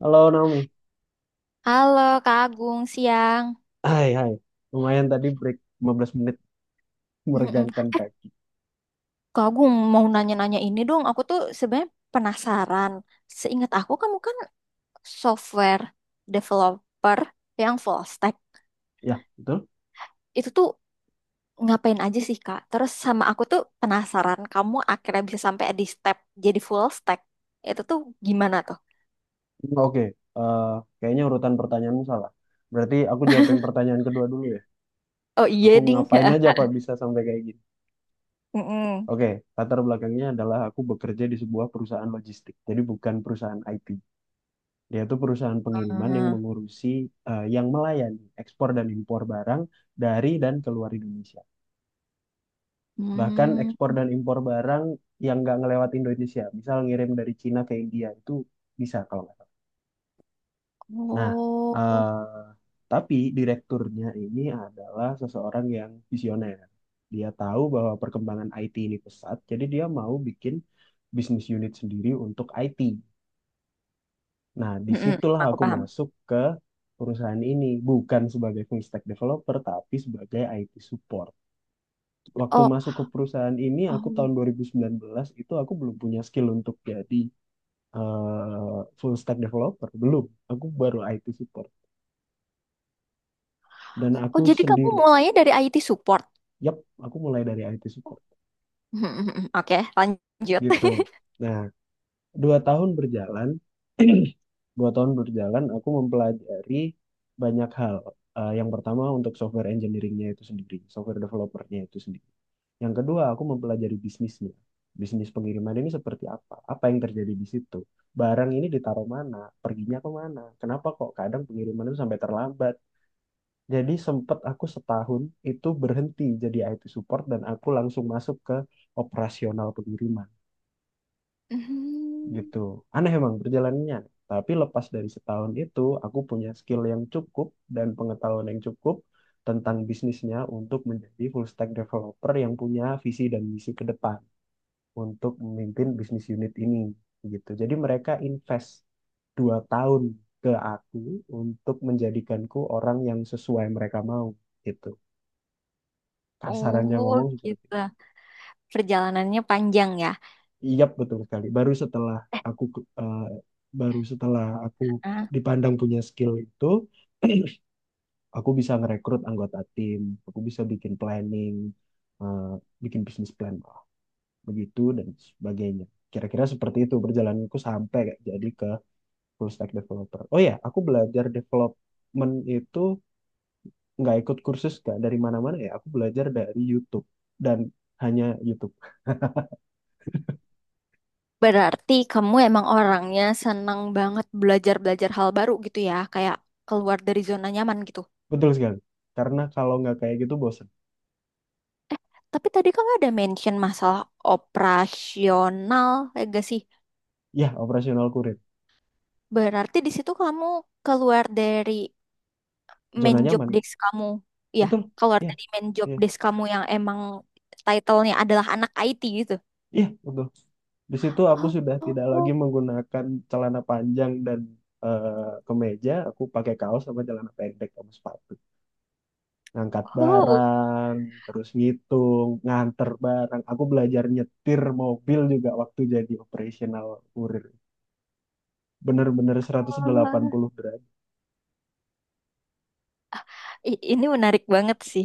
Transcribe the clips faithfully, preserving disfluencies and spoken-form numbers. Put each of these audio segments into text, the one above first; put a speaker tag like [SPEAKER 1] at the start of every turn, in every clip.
[SPEAKER 1] Halo Naomi.
[SPEAKER 2] Halo Kak Agung, siang.
[SPEAKER 1] Hai, hai. Lumayan tadi break lima belas menit
[SPEAKER 2] Mm-mm.
[SPEAKER 1] meregangkan
[SPEAKER 2] Eh,
[SPEAKER 1] kaki.
[SPEAKER 2] Kak Agung mau nanya-nanya ini dong. Aku tuh sebenarnya penasaran. Seingat aku kamu kan software developer yang full stack.
[SPEAKER 1] Ya, betul?
[SPEAKER 2] Itu tuh ngapain aja sih Kak? Terus sama aku tuh penasaran kamu akhirnya bisa sampai di step jadi full stack. Itu tuh gimana tuh?
[SPEAKER 1] Hmm, oke. Eh, Kayaknya urutan pertanyaan salah. Berarti aku jawab yang pertanyaan kedua dulu ya.
[SPEAKER 2] Oh iya
[SPEAKER 1] Aku
[SPEAKER 2] ding.
[SPEAKER 1] ngapain aja kok bisa sampai kayak gini.
[SPEAKER 2] Mm-mm.
[SPEAKER 1] Oke, latar belakangnya adalah aku bekerja di sebuah perusahaan logistik. Jadi bukan perusahaan I T. Dia itu perusahaan pengiriman yang
[SPEAKER 2] Ah.
[SPEAKER 1] mengurusi, eh, yang melayani ekspor dan impor barang dari dan keluar Indonesia. Bahkan
[SPEAKER 2] Hmm.
[SPEAKER 1] ekspor dan impor barang yang nggak ngelewat Indonesia, misal ngirim dari Cina ke India itu bisa kalau nggak salah. Nah,
[SPEAKER 2] Oh.
[SPEAKER 1] eh, tapi direkturnya ini adalah seseorang yang visioner. Dia tahu bahwa perkembangan I T ini pesat, jadi dia mau bikin bisnis unit sendiri untuk I T. Nah,
[SPEAKER 2] Mm-mm.
[SPEAKER 1] disitulah
[SPEAKER 2] Aku
[SPEAKER 1] aku
[SPEAKER 2] paham.
[SPEAKER 1] masuk ke perusahaan ini, bukan sebagai full stack developer, tapi sebagai I T support. Waktu
[SPEAKER 2] Oh.
[SPEAKER 1] masuk ke perusahaan ini aku
[SPEAKER 2] Oh.
[SPEAKER 1] tahun dua ribu sembilan belas itu aku belum punya skill untuk jadi, eh, full stack developer, belum. Aku baru I T support dan
[SPEAKER 2] Oh,
[SPEAKER 1] aku
[SPEAKER 2] jadi kamu
[SPEAKER 1] sendiri.
[SPEAKER 2] mulainya dari I T support.
[SPEAKER 1] Yap, aku mulai dari I T support
[SPEAKER 2] Oke, lanjut.
[SPEAKER 1] gitu. Nah, dua tahun berjalan, dua tahun berjalan aku mempelajari banyak hal. Eh, yang pertama untuk software engineeringnya itu sendiri, software developernya itu sendiri. Yang kedua, aku mempelajari bisnisnya. Bisnis pengiriman ini seperti apa? Apa yang terjadi di situ? Barang ini ditaruh mana? Perginya ke mana? Kenapa kok kadang pengiriman itu sampai terlambat? Jadi sempat aku setahun itu berhenti jadi I T support dan aku langsung masuk ke operasional pengiriman
[SPEAKER 2] Hmm.
[SPEAKER 1] gitu. Aneh emang perjalanannya. Tapi lepas dari setahun itu, aku punya skill yang cukup dan pengetahuan yang cukup tentang bisnisnya untuk menjadi full stack developer yang punya visi dan misi ke depan untuk memimpin bisnis unit ini gitu. Jadi mereka invest dua tahun ke aku untuk menjadikanku orang yang sesuai mereka mau gitu. Kasarannya
[SPEAKER 2] Oh,
[SPEAKER 1] ngomong seperti
[SPEAKER 2] gitu.
[SPEAKER 1] itu.
[SPEAKER 2] Perjalanannya panjang ya.
[SPEAKER 1] Iya betul sekali. Baru setelah aku eh, Baru setelah aku
[SPEAKER 2] Ah.
[SPEAKER 1] dipandang punya skill itu, aku bisa ngerekrut anggota tim, aku bisa bikin planning, eh, bikin bisnis plan lah, begitu dan sebagainya. Kira-kira seperti itu perjalananku sampai kayak jadi ke full stack developer. Oh ya, aku belajar development itu nggak ikut kursus nggak dari mana-mana ya. Aku belajar dari YouTube dan hanya YouTube.
[SPEAKER 2] Berarti kamu emang orangnya senang banget belajar-belajar hal baru gitu ya, kayak keluar dari zona nyaman gitu.
[SPEAKER 1] Betul sekali. Karena kalau nggak kayak gitu bosen.
[SPEAKER 2] Tapi tadi kamu ada mention masalah operasional, ya gak sih?
[SPEAKER 1] Ya, operasional kurir.
[SPEAKER 2] Berarti di situ kamu keluar dari
[SPEAKER 1] Zona
[SPEAKER 2] main job
[SPEAKER 1] nyaman.
[SPEAKER 2] desk kamu, ya,
[SPEAKER 1] Betul.
[SPEAKER 2] keluar
[SPEAKER 1] Ya,
[SPEAKER 2] dari main job
[SPEAKER 1] ya,
[SPEAKER 2] desk kamu yang emang title-nya adalah anak I T gitu.
[SPEAKER 1] ya, betul. Di situ aku
[SPEAKER 2] Oh,
[SPEAKER 1] sudah tidak lagi
[SPEAKER 2] oh,
[SPEAKER 1] menggunakan celana panjang dan, eh, kemeja. Aku pakai kaos sama celana pendek sama sepatu. Ngangkat
[SPEAKER 2] oh.
[SPEAKER 1] barang, terus ngitung, nganter barang. Aku belajar nyetir mobil juga waktu jadi operational kurir. Bener-bener seratus delapan puluh derajat.
[SPEAKER 2] I- Ini menarik banget sih.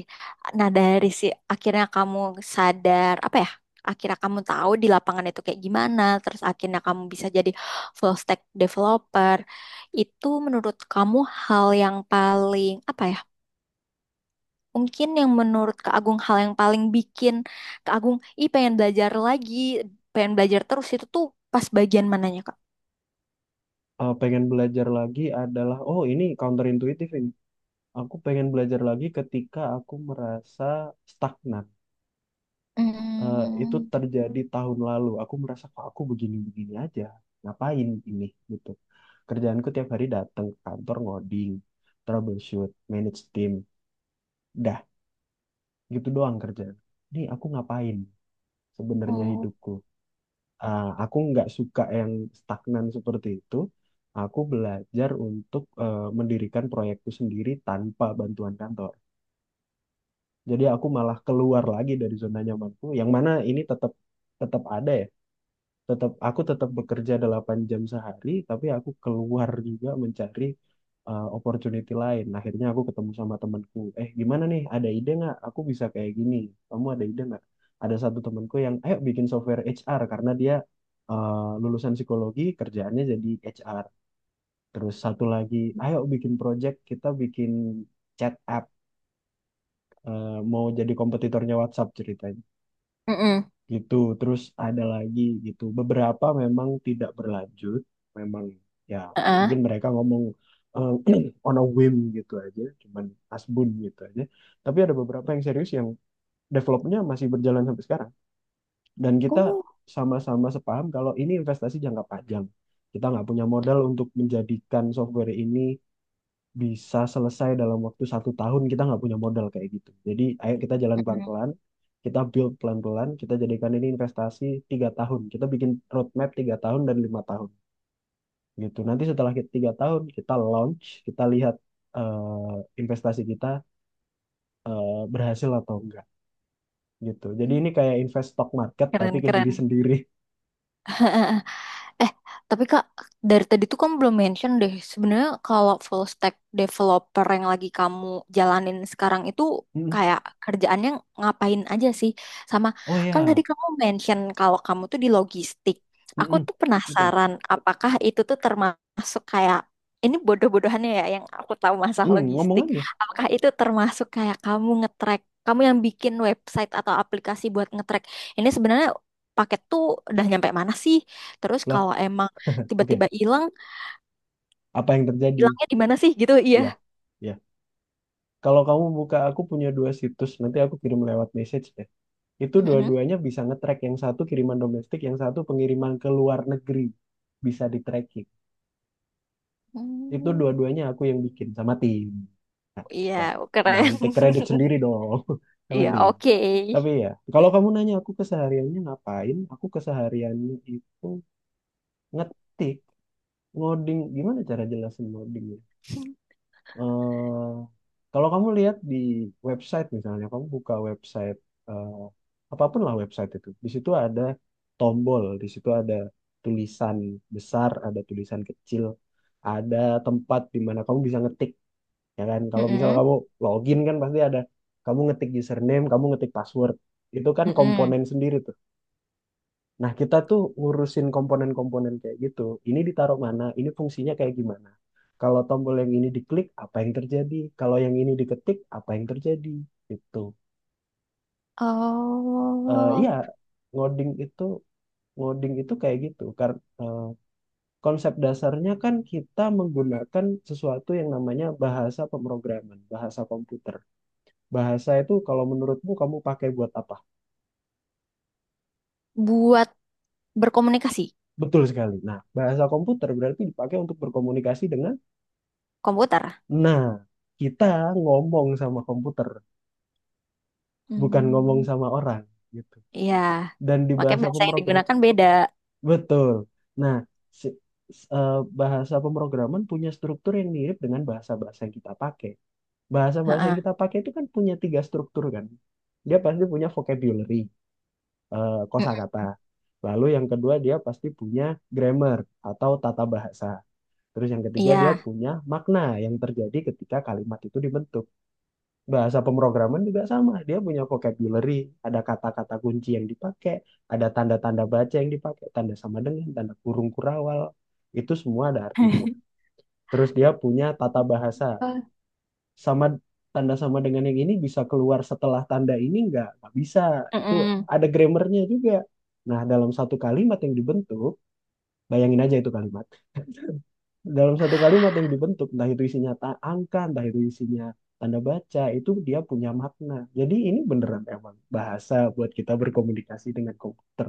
[SPEAKER 2] Nah, dari si akhirnya kamu sadar apa ya? Akhirnya kamu tahu di lapangan itu kayak gimana, terus akhirnya kamu bisa jadi full stack developer. Itu menurut kamu hal yang paling apa ya? Mungkin yang menurut Kak Agung hal yang paling bikin Kak Agung, ih pengen belajar lagi, pengen belajar terus itu tuh pas bagian mananya Kak?
[SPEAKER 1] Eh, pengen belajar lagi adalah, oh ini counterintuitif ini. Aku pengen belajar lagi ketika aku merasa stagnan. Eh, itu
[SPEAKER 2] Hmm.
[SPEAKER 1] terjadi tahun lalu. Aku merasa kok aku begini-begini aja. Ngapain ini gitu. Kerjaanku tiap hari datang ke kantor ngoding, troubleshoot, manage team. Dah gitu doang kerja. Ini aku ngapain sebenarnya
[SPEAKER 2] Oh.
[SPEAKER 1] hidupku? Ah, aku nggak suka yang stagnan seperti itu. Aku belajar untuk, eh, mendirikan proyekku sendiri tanpa bantuan kantor. Jadi aku malah keluar lagi dari zona nyamanku, yang mana ini tetap tetap ada ya, tetap aku tetap bekerja delapan jam sehari tapi aku keluar juga mencari, uh, opportunity lain. Akhirnya aku ketemu sama temanku, eh gimana nih, ada ide nggak, aku bisa kayak gini, kamu ada ide nggak. Ada satu temanku yang ayo bikin software H R karena dia, uh, lulusan psikologi kerjaannya jadi H R. Terus satu lagi ayo bikin project, kita bikin chat app, uh, mau jadi kompetitornya WhatsApp ceritanya
[SPEAKER 2] Mm-mm.
[SPEAKER 1] gitu. Terus ada lagi gitu. Beberapa memang tidak berlanjut, memang, ya
[SPEAKER 2] Heeh.
[SPEAKER 1] mungkin mereka ngomong, eh, on a whim gitu aja, cuman asbun gitu aja. Tapi ada beberapa yang serius yang developnya masih berjalan sampai sekarang, dan kita
[SPEAKER 2] Oh.
[SPEAKER 1] sama-sama sepaham kalau ini investasi jangka panjang. Kita nggak punya modal untuk menjadikan software ini bisa selesai dalam waktu satu tahun, kita nggak punya modal kayak gitu. Jadi ayo kita jalan
[SPEAKER 2] Mm.
[SPEAKER 1] pelan-pelan, kita build pelan-pelan, kita jadikan ini investasi tiga tahun. Kita bikin roadmap tiga tahun dan lima tahun gitu. Nanti setelah kita tiga tahun kita launch, kita lihat, eh, investasi kita, eh, berhasil atau enggak gitu. Jadi ini kayak invest stock market tapi
[SPEAKER 2] Keren,
[SPEAKER 1] ke
[SPEAKER 2] keren.
[SPEAKER 1] diri sendiri.
[SPEAKER 2] Eh, tapi Kak, dari tadi tuh kamu belum mention deh. Sebenarnya kalau full stack developer yang lagi kamu jalanin sekarang itu
[SPEAKER 1] Mm.
[SPEAKER 2] kayak kerjaannya ngapain aja sih? Sama
[SPEAKER 1] Oh
[SPEAKER 2] kan tadi
[SPEAKER 1] ya,
[SPEAKER 2] kamu mention kalau kamu tuh di logistik. Aku
[SPEAKER 1] mm-mm.
[SPEAKER 2] tuh
[SPEAKER 1] Betul.
[SPEAKER 2] penasaran apakah itu tuh termasuk kayak ini bodoh-bodohannya ya yang aku tahu masalah
[SPEAKER 1] Mm, ngomong
[SPEAKER 2] logistik.
[SPEAKER 1] aja.
[SPEAKER 2] Apakah itu termasuk kayak kamu ngetrack, kamu yang bikin website atau aplikasi buat ngetrack. Ini sebenarnya paket tuh udah nyampe mana sih? Terus
[SPEAKER 1] Loh,
[SPEAKER 2] kalau emang
[SPEAKER 1] oke.
[SPEAKER 2] tiba-tiba hilang,
[SPEAKER 1] Apa yang terjadi?
[SPEAKER 2] hilangnya di mana sih gitu? Iya.
[SPEAKER 1] Ya, ya. Kalau kamu buka, aku punya dua situs, nanti aku kirim lewat message deh. Itu
[SPEAKER 2] Mhm.
[SPEAKER 1] dua-duanya bisa nge-track, yang satu kiriman domestik, yang satu pengiriman ke luar negeri. Bisa di-tracking. Itu
[SPEAKER 2] Hmm.
[SPEAKER 1] dua-duanya aku yang bikin sama tim. Nah,
[SPEAKER 2] Iya,
[SPEAKER 1] nah,
[SPEAKER 2] keren.
[SPEAKER 1] jangan take credit sendiri dong, sama
[SPEAKER 2] Iya,
[SPEAKER 1] tim.
[SPEAKER 2] oke.
[SPEAKER 1] Tapi ya, kalau kamu nanya aku kesehariannya ngapain, aku kesehariannya itu ngetik, ngoding. Gimana cara jelasin ngoding, ya? eh, Kalau kamu lihat di website misalnya, kamu buka website, eh, apapun lah website itu, di situ ada tombol, di situ ada tulisan besar, ada tulisan kecil, ada tempat di mana kamu bisa ngetik, ya kan? Kalau misal
[SPEAKER 2] Mm-mm.
[SPEAKER 1] kamu login kan pasti ada, kamu ngetik username, kamu ngetik password, itu kan komponen sendiri tuh. Nah, kita tuh ngurusin komponen-komponen kayak gitu. Ini ditaruh mana? Ini fungsinya kayak gimana? Kalau tombol yang ini diklik, apa yang terjadi? Kalau yang ini diketik, apa yang terjadi? Itu. Eh iya,
[SPEAKER 2] Oh,
[SPEAKER 1] ngoding itu ngoding itu kayak gitu. Karena konsep dasarnya kan kita menggunakan sesuatu yang namanya bahasa pemrograman, bahasa komputer. Bahasa itu kalau menurutmu kamu pakai buat apa?
[SPEAKER 2] buat berkomunikasi
[SPEAKER 1] Betul sekali. Nah, bahasa komputer berarti dipakai untuk berkomunikasi dengan.
[SPEAKER 2] komputer.
[SPEAKER 1] Nah, kita ngomong sama komputer, bukan ngomong
[SPEAKER 2] Hmm.
[SPEAKER 1] sama orang gitu.
[SPEAKER 2] Iya,
[SPEAKER 1] Dan di
[SPEAKER 2] makanya
[SPEAKER 1] bahasa
[SPEAKER 2] bahasa yang
[SPEAKER 1] pemrogram,
[SPEAKER 2] digunakan beda.
[SPEAKER 1] betul. Nah, si- s- eh, bahasa pemrograman punya struktur yang mirip dengan bahasa-bahasa yang kita pakai. Bahasa-bahasa yang
[SPEAKER 2] Heeh.
[SPEAKER 1] kita pakai itu kan punya tiga struktur kan. Dia pasti punya vocabulary, eh,
[SPEAKER 2] Mm.
[SPEAKER 1] kosakata. Lalu yang kedua dia pasti punya grammar atau tata bahasa. Terus yang ketiga dia
[SPEAKER 2] Iya.
[SPEAKER 1] punya makna yang terjadi ketika kalimat itu dibentuk. Bahasa pemrograman juga sama. Dia punya vocabulary, ada kata-kata kunci yang dipakai, ada tanda-tanda baca yang dipakai, tanda sama dengan, tanda kurung kurawal. Itu semua ada artinya. Terus dia punya tata bahasa.
[SPEAKER 2] Oh.
[SPEAKER 1] Sama tanda sama dengan yang ini bisa keluar setelah tanda ini, nggak nggak bisa. Itu
[SPEAKER 2] Mm-mm.
[SPEAKER 1] ada grammarnya juga. Nah, dalam satu kalimat yang dibentuk, bayangin aja itu kalimat, dalam satu kalimat yang dibentuk, entah itu isinya ta- angka, entah itu isinya tanda baca, itu dia punya makna. Jadi ini beneran emang bahasa buat kita berkomunikasi dengan komputer.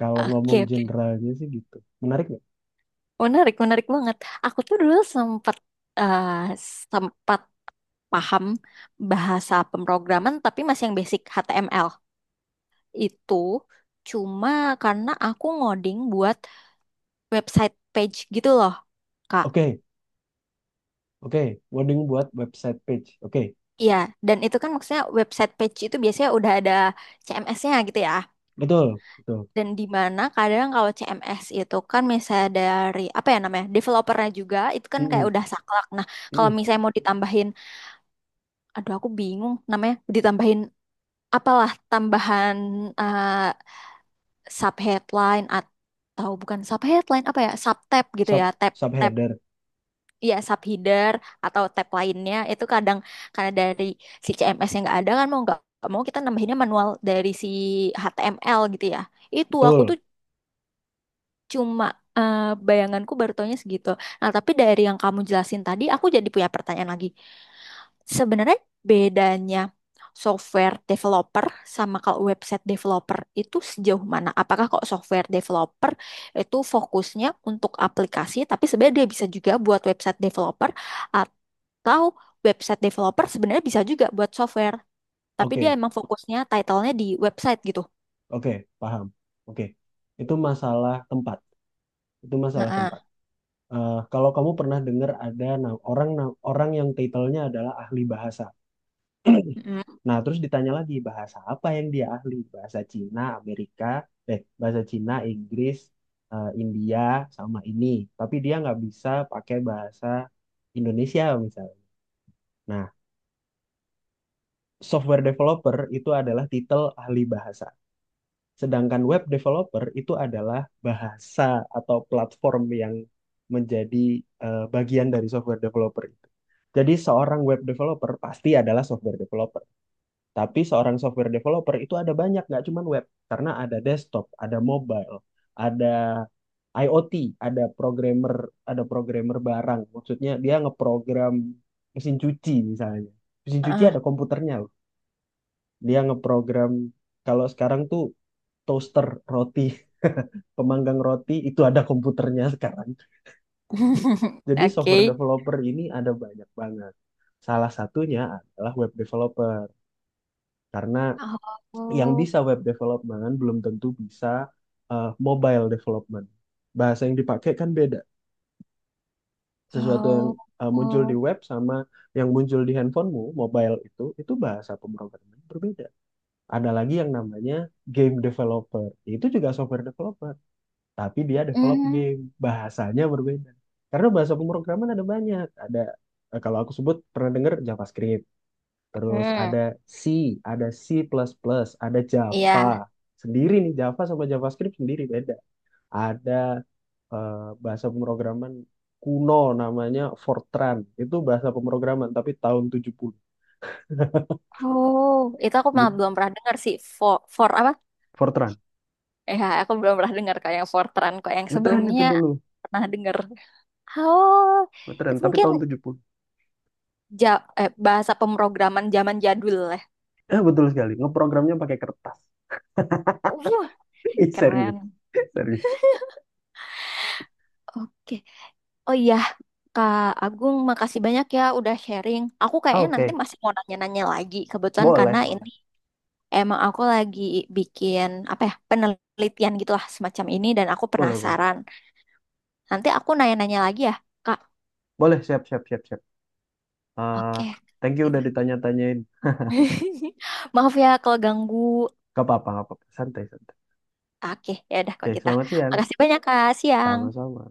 [SPEAKER 1] Kalau ngomong
[SPEAKER 2] Oke, oke.
[SPEAKER 1] generalnya sih gitu. Menarik nggak?
[SPEAKER 2] Menarik, menarik banget. Aku tuh dulu sempat eh, sempat paham bahasa pemrograman tapi masih yang basic H T M L itu cuma karena aku ngoding buat website page gitu loh Kak.
[SPEAKER 1] Oke, oke. Wording buat website page. Oke,
[SPEAKER 2] Iya, dan itu kan maksudnya website page itu biasanya udah ada C M S-nya gitu ya.
[SPEAKER 1] betul, betul.
[SPEAKER 2] Dan di mana kadang kalau C M S itu kan misalnya dari apa ya namanya developernya juga itu kan kayak
[SPEAKER 1] Mm-mm,
[SPEAKER 2] udah saklek. Nah kalau
[SPEAKER 1] mm-mm.
[SPEAKER 2] misalnya mau ditambahin, aduh aku bingung namanya ditambahin apalah tambahan eh, sub headline atau bukan sub headline apa ya sub tab gitu ya
[SPEAKER 1] Sub,
[SPEAKER 2] tab tab
[SPEAKER 1] subheader,
[SPEAKER 2] ya sub header atau tab lainnya itu kadang karena dari si C M S yang nggak ada kan mau nggak nggak mau kita nambahinnya manual dari si H T M L gitu ya itu aku
[SPEAKER 1] betul.
[SPEAKER 2] tuh cuma eh, bayanganku baru taunya segitu. Nah, tapi dari yang kamu jelasin tadi, aku jadi punya pertanyaan lagi. Sebenarnya bedanya software developer sama kalau website developer itu sejauh mana? Apakah kalau software developer itu fokusnya untuk aplikasi, tapi sebenarnya dia bisa juga buat website developer atau website developer sebenarnya bisa juga buat software, tapi dia
[SPEAKER 1] Oke,
[SPEAKER 2] emang fokusnya title-nya di website gitu.
[SPEAKER 1] oke, paham. Oke, itu masalah tempat. Itu masalah tempat.
[SPEAKER 2] Heeh.
[SPEAKER 1] Eh, kalau kamu pernah dengar ada na- orang na- orang yang titelnya adalah ahli bahasa.
[SPEAKER 2] Mm-mm.
[SPEAKER 1] Nah, terus ditanya lagi bahasa apa yang dia ahli? Bahasa Cina, Amerika, eh bahasa Cina, Inggris, eh, India sama ini. Tapi dia nggak bisa pakai bahasa Indonesia misalnya. Nah, software developer itu adalah titel ahli bahasa. Sedangkan web developer itu adalah bahasa atau platform yang menjadi, eh, bagian dari software developer itu. Jadi seorang web developer pasti adalah software developer. Tapi seorang software developer itu ada banyak, nggak cuma web. Karena ada desktop, ada mobile, ada IoT, ada programmer, ada programmer barang. Maksudnya dia ngeprogram mesin cuci misalnya. Mesin cuci
[SPEAKER 2] Heeh.
[SPEAKER 1] ada komputernya loh. Dia ngeprogram kalau sekarang tuh toaster roti, pemanggang roti itu ada komputernya sekarang. Jadi software
[SPEAKER 2] Oke.
[SPEAKER 1] developer ini ada banyak banget. Salah satunya adalah web developer karena yang
[SPEAKER 2] Oh,
[SPEAKER 1] bisa web development belum tentu bisa, eh, mobile development. Bahasa yang dipakai kan beda. Sesuatu yang,
[SPEAKER 2] oh,
[SPEAKER 1] eh, muncul di
[SPEAKER 2] oh.
[SPEAKER 1] web sama yang muncul di handphonemu, mobile itu, itu bahasa pemrograman berbeda. Ada lagi yang namanya game developer. Itu juga software developer. Tapi dia develop
[SPEAKER 2] Hmm.
[SPEAKER 1] game bahasanya berbeda karena bahasa pemrograman ada banyak. Ada, eh, kalau aku sebut pernah dengar JavaScript, terus
[SPEAKER 2] Hmm.
[SPEAKER 1] ada C, ada C++, ada Java
[SPEAKER 2] Iya.
[SPEAKER 1] sendiri nih. Java sama JavaScript sendiri beda. Ada, eh, bahasa pemrograman kuno namanya Fortran. Itu bahasa pemrograman tapi tahun tujuh puluh.
[SPEAKER 2] Oh, itu aku
[SPEAKER 1] Itu
[SPEAKER 2] malah belum pernah dengar sih. For, for apa?
[SPEAKER 1] Fortran
[SPEAKER 2] Ya, aku belum pernah dengar kayak yang Fortran kok yang
[SPEAKER 1] ngetren itu
[SPEAKER 2] sebelumnya
[SPEAKER 1] dulu,
[SPEAKER 2] pernah dengar. Oh,
[SPEAKER 1] ngetren
[SPEAKER 2] itu
[SPEAKER 1] tapi
[SPEAKER 2] mungkin
[SPEAKER 1] tahun tujuh puluh.
[SPEAKER 2] ja- eh, bahasa pemrograman zaman jadul lah.
[SPEAKER 1] Eh betul sekali, ngeprogramnya pakai kertas.
[SPEAKER 2] Wuh,
[SPEAKER 1] It's serius.
[SPEAKER 2] keren.
[SPEAKER 1] Serius.
[SPEAKER 2] Oke. Oh iya, Kak Agung, makasih banyak ya udah sharing. Aku
[SPEAKER 1] Ah,
[SPEAKER 2] kayaknya nanti
[SPEAKER 1] oke,
[SPEAKER 2] masih mau nanya-nanya lagi kebetulan karena
[SPEAKER 1] boleh, boleh.
[SPEAKER 2] emang aku lagi bikin apa ya penelitian gitulah semacam ini dan aku
[SPEAKER 1] Boleh, boleh.
[SPEAKER 2] penasaran. Nanti aku nanya-nanya lagi ya, Kak.
[SPEAKER 1] Boleh, siap, siap, siap, siap. Ah,
[SPEAKER 2] Oke,
[SPEAKER 1] thank you
[SPEAKER 2] gitu.
[SPEAKER 1] udah ditanya-tanyain.
[SPEAKER 2] Maaf ya kalau ganggu.
[SPEAKER 1] Gak apa-apa, gak apa-apa. Santai, santai.
[SPEAKER 2] Oke, ya udah
[SPEAKER 1] Oke,
[SPEAKER 2] kok kita.
[SPEAKER 1] selamat siang.
[SPEAKER 2] Makasih banyak Kak. Siang.
[SPEAKER 1] Sama-sama.